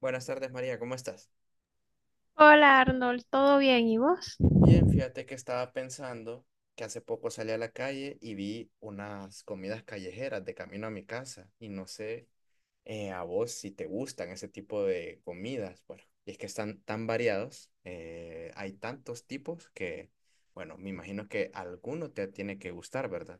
Buenas tardes, María, ¿cómo estás? Hola Arnold, ¿todo bien? ¿Y vos? Bien, fíjate que estaba pensando que hace poco salí a la calle y vi unas comidas callejeras de camino a mi casa y no sé a vos si te gustan ese tipo de comidas. Bueno, y es que están tan variados, hay tantos tipos que, bueno, me imagino que alguno te tiene que gustar, ¿verdad?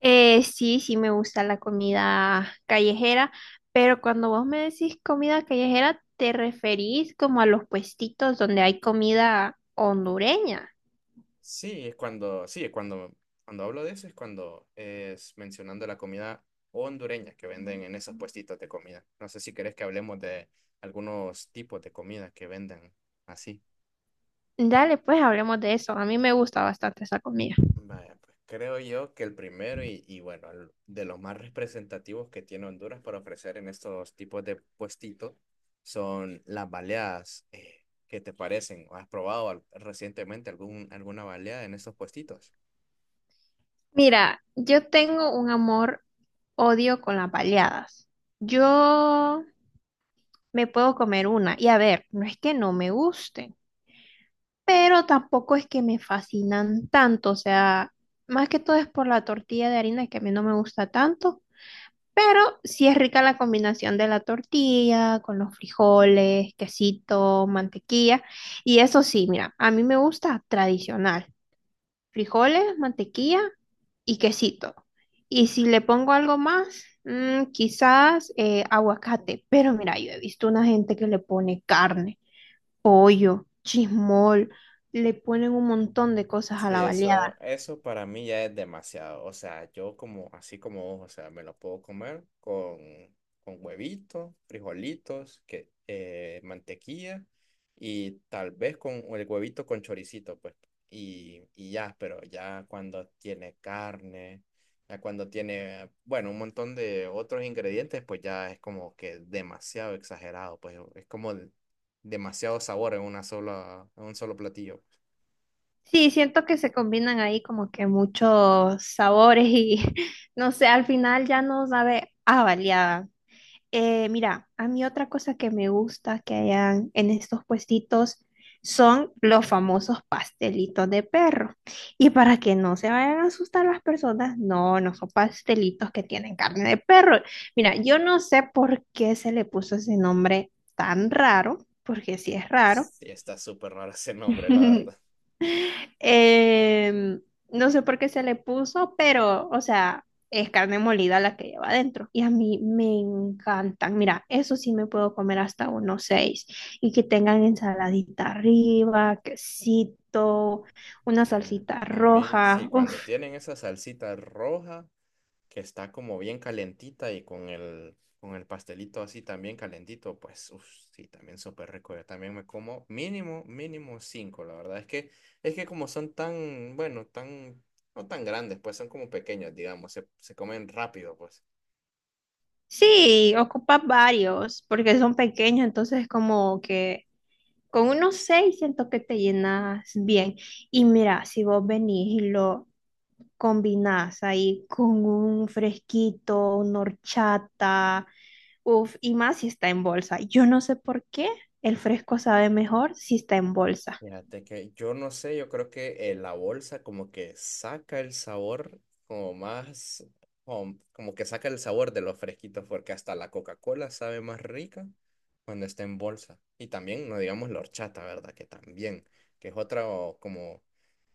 Sí, me gusta la comida callejera, pero cuando vos me decís comida callejera, ¿te referís como a los puestitos donde hay comida hondureña? Sí, es cuando, sí, es cuando, cuando hablo de eso es cuando es mencionando la comida hondureña que venden en esos puestitos de comida. No sé si querés que hablemos de algunos tipos de comida que venden así. Dale, pues hablemos de eso. A mí me gusta bastante esa comida. Vaya, pues creo yo que el primero y bueno, de los más representativos que tiene Honduras para ofrecer en estos tipos de puestitos son las baleadas. ¿Qué te parecen? ¿Has recientemente alguna baleada en estos puestitos? Mira, yo tengo un amor odio con las baleadas. Yo me puedo comer una y a ver, no es que no me gusten, pero tampoco es que me fascinan tanto, o sea, más que todo es por la tortilla de harina que a mí no me gusta tanto, pero sí es rica la combinación de la tortilla con los frijoles, quesito, mantequilla y eso sí, mira, a mí me gusta tradicional frijoles, mantequilla y quesito. Y si le pongo algo más, quizás aguacate. Pero mira, yo he visto una gente que le pone carne, pollo, chismol, le ponen un montón de cosas a Sí, la baleada. eso para mí ya es demasiado. O sea, yo como, así como vos, o sea, me lo puedo comer con huevitos, frijolitos, que, mantequilla y tal vez con el huevito con choricito, pues. Y ya, pero ya cuando tiene carne, ya cuando tiene, bueno, un montón de otros ingredientes, pues ya es como que demasiado exagerado, pues es como demasiado sabor en una en un solo platillo. Sí, siento que se combinan ahí como que muchos sabores y no sé, al final ya no sabe a baleada. Mira, a mí otra cosa que me gusta que hayan en estos puestitos son los famosos pastelitos de perro. Y para que no se vayan a asustar las personas, no, no son pastelitos que tienen carne de perro. Mira, yo no sé por qué se le puso ese nombre tan raro, porque sí es raro. Sí, está súper raro ese nombre, la verdad. Em, no sé por qué se le puso, pero, o sea, es carne molida la que lleva adentro. Y a mí me encantan. Mira, eso sí me puedo comer hasta unos 6. Y que tengan ensaladita arriba, quesito, una Eh, salsita a mí, sí, roja. Uf. cuando tienen esa salsita roja que está como bien calentita y con con el pastelito así también calentito, pues uf, sí, también súper rico. Yo también me como mínimo, mínimo cinco, la verdad. Es que como son tan, bueno, tan, no tan grandes, pues son como pequeños, digamos, se comen rápido, pues. Sí, ocupa varios, porque son pequeños, entonces como que con unos 6 siento que te llenas bien. Y mira, si vos venís y lo combinás ahí con un fresquito, una horchata, uff, y más si está en bolsa. Yo no sé por qué el fresco sabe mejor si está en bolsa. Fíjate que yo no sé, yo creo que la bolsa como que saca el sabor como más, como que saca el sabor de los fresquitos, porque hasta la Coca-Cola sabe más rica cuando está en bolsa. Y también, no digamos la horchata, ¿verdad? Que es otra o como,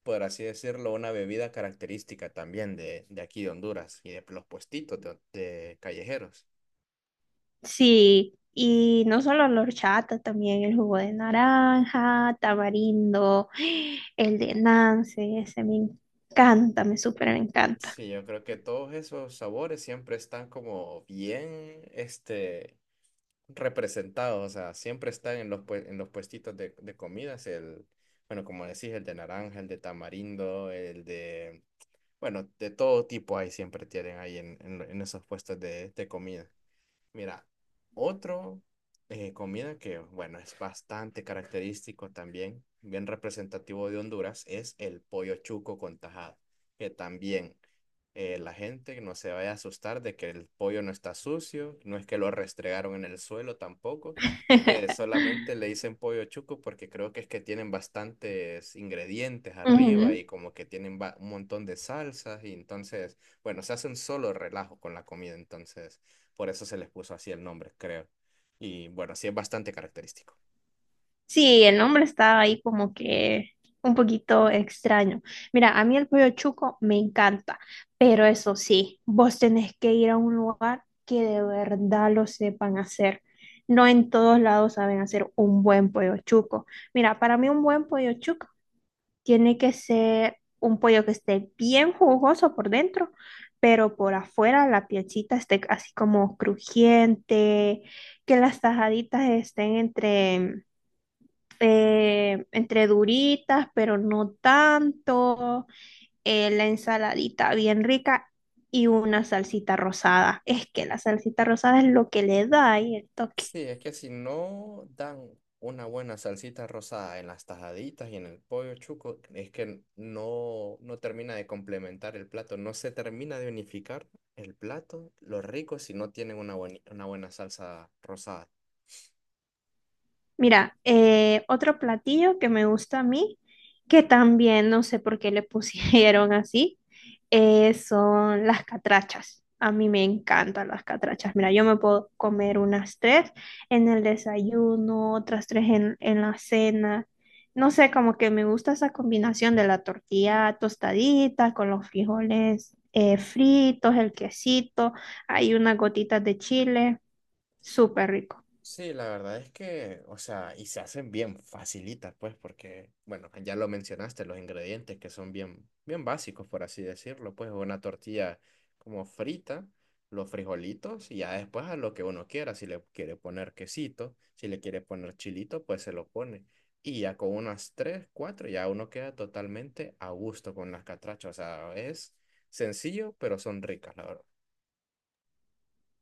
por así decirlo, una bebida característica también de aquí de Honduras y de los puestitos de callejeros. Sí, y no solo la horchata, también el jugo de naranja, tamarindo, el de Nance, ese me encanta, me súper encanta. Sí, yo creo que todos esos sabores siempre están como bien, este, representados, o sea, siempre están en en los puestitos de comidas, el, bueno, como decís, el de naranja, el de tamarindo, el de, bueno, de todo tipo ahí siempre tienen ahí en esos puestos de comida. Mira, otro comida que, bueno, es bastante característico también, bien representativo de Honduras, es el pollo chuco con tajada, que también la gente no se vaya a asustar de que el pollo no está sucio, no es que lo restregaron en el suelo tampoco, solamente le dicen pollo chuco porque creo que es que tienen bastantes ingredientes arriba Ujú. y como que tienen un montón de salsas y entonces, bueno, se hace un solo relajo con la comida, entonces... Por eso se les puso así el nombre, creo. Y bueno, sí es bastante característico. Sí, el nombre está ahí como que un poquito extraño. Mira, a mí el pollo chuco me encanta, pero eso sí, vos tenés que ir a un lugar que de verdad lo sepan hacer. No en todos lados saben hacer un buen pollo chuco. Mira, para mí un buen pollo chuco tiene que ser un pollo que esté bien jugoso por dentro, pero por afuera la piecita esté así como crujiente, que las tajaditas estén entre entre duritas, pero no tanto, la ensaladita bien rica y una salsita rosada. Es que la salsita rosada es lo que le da ahí el toque. Sí, es que si no dan una buena salsita rosada en las tajaditas y en el pollo chuco, es que no, no termina de complementar el plato, no se termina de unificar el plato, los ricos si no tienen una, una buena salsa rosada. Mira, otro platillo que me gusta a mí, que también no sé por qué le pusieron así, son las catrachas. A mí me encantan las catrachas. Mira, yo me puedo comer unas 3 en el desayuno, otras 3 en la cena. No sé, como que me gusta esa combinación de la tortilla tostadita con los frijoles fritos, el quesito, hay unas gotitas de chile, súper rico. Sí, la verdad es que, o sea, y se hacen bien facilitas, pues, porque, bueno, ya lo mencionaste, los ingredientes que son bien, bien básicos, por así decirlo, pues, una tortilla como frita, los frijolitos, y ya después a lo que uno quiera, si le quiere poner quesito, si le quiere poner chilito, pues se lo pone. Y ya con unas tres, cuatro, ya uno queda totalmente a gusto con las catrachas, o sea, es sencillo, pero son ricas, la verdad.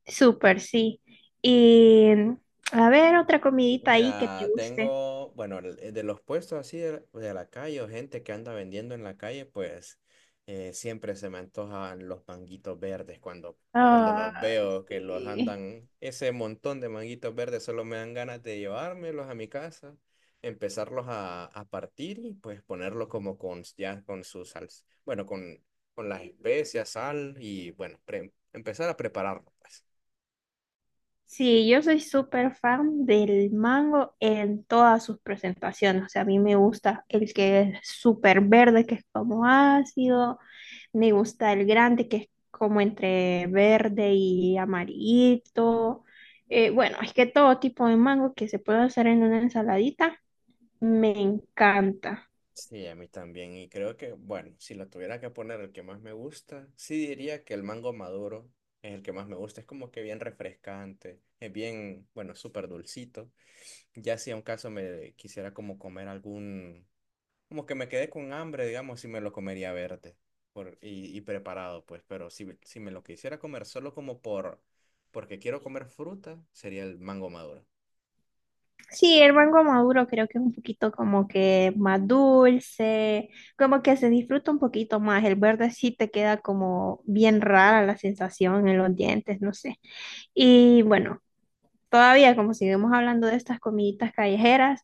Súper, sí. Y a ver, otra comidita ahí que te Mira, guste. tengo, bueno, de los puestos así de la calle o gente que anda vendiendo en la calle, pues siempre se me antojan los manguitos verdes cuando los Ay, veo que los sí. andan, ese montón de manguitos verdes solo me dan ganas de llevármelos a mi casa, empezarlos a partir y pues ponerlos como con, ya con su sal, bueno, con las especias, sal y bueno, empezar a prepararlo, pues. Sí, yo soy súper fan del mango en todas sus presentaciones. O sea, a mí me gusta el que es súper verde, que es como ácido. Me gusta el grande, que es como entre verde y amarillito. Bueno, es que todo tipo de mango que se puede hacer en una ensaladita me encanta. Sí, a mí también. Y creo que, bueno, si lo tuviera que poner el que más me gusta, sí diría que el mango maduro es el que más me gusta. Es como que bien refrescante, es bien, bueno, súper dulcito. Ya si a un caso me quisiera como comer algún, como que me quedé con hambre, digamos, si me lo comería verde por, y preparado, pues. Pero si me lo quisiera comer solo como por, porque quiero comer fruta, sería el mango maduro. Sí, el mango maduro creo que es un poquito como que más dulce, como que se disfruta un poquito más. El verde sí te queda como bien rara la sensación en los dientes, no sé. Y bueno, todavía como seguimos hablando de estas comiditas callejeras,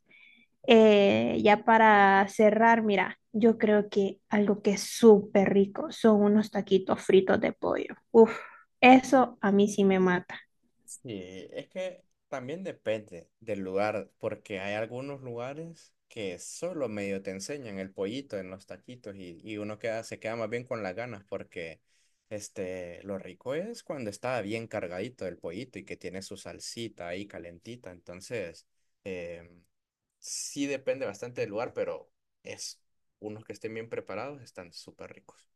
ya para cerrar, mira, yo creo que algo que es súper rico son unos taquitos fritos de pollo. Uf, eso a mí sí me mata. Sí, es que también depende del lugar, porque hay algunos lugares que solo medio te enseñan el pollito en los taquitos y uno queda, se queda más bien con las ganas porque este, lo rico es cuando está bien cargadito el pollito y que tiene su salsita ahí calentita. Entonces, em, sí depende bastante del lugar, pero es, unos que estén bien preparados están súper ricos.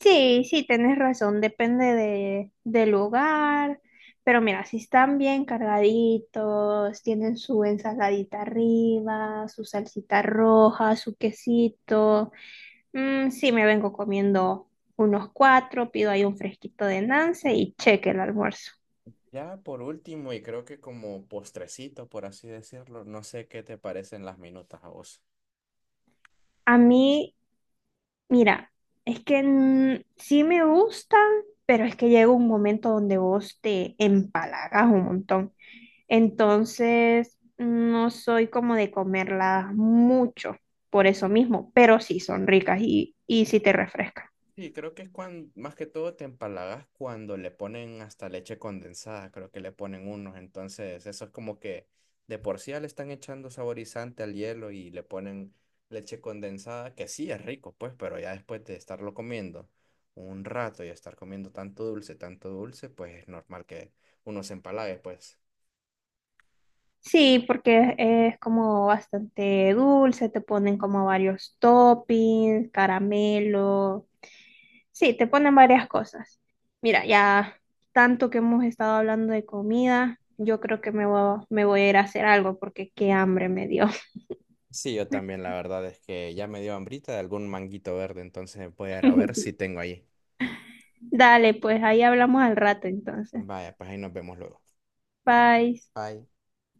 Sí, sí, tenés razón, depende de, del lugar, pero mira, si están bien cargaditos, tienen su ensaladita arriba, su salsita roja, su quesito, sí me vengo comiendo unos 4, pido ahí un fresquito de Nance y cheque el almuerzo. Ya por último, y creo que como postrecito, por así decirlo, no sé qué te parecen las minutas a vos. A mí, mira, es que sí me gustan, pero es que llega un momento donde vos te empalagas un montón. Entonces, no soy como de comerlas mucho por eso mismo, pero sí son ricas y sí te refrescan. Sí, creo que es cuando, más que todo te empalagas cuando le ponen hasta leche condensada, creo que le ponen unos, entonces eso es como que de por sí ya le están echando saborizante al hielo y le ponen leche condensada, que sí es rico, pues, pero ya después de estarlo comiendo un rato y estar comiendo tanto dulce, pues es normal que uno se empalague, pues. Sí, porque es como bastante dulce, te ponen como varios toppings, caramelo. Sí, te ponen varias cosas. Mira, ya tanto que hemos estado hablando de comida, yo creo que me voy a ir a hacer algo porque qué hambre me dio. Sí, yo también, la verdad es que ya me dio hambrita de algún manguito verde, entonces voy a ir a ver si tengo ahí. Dale, pues ahí hablamos al rato entonces. Vaya, pues ahí nos vemos luego. Bye. Bye.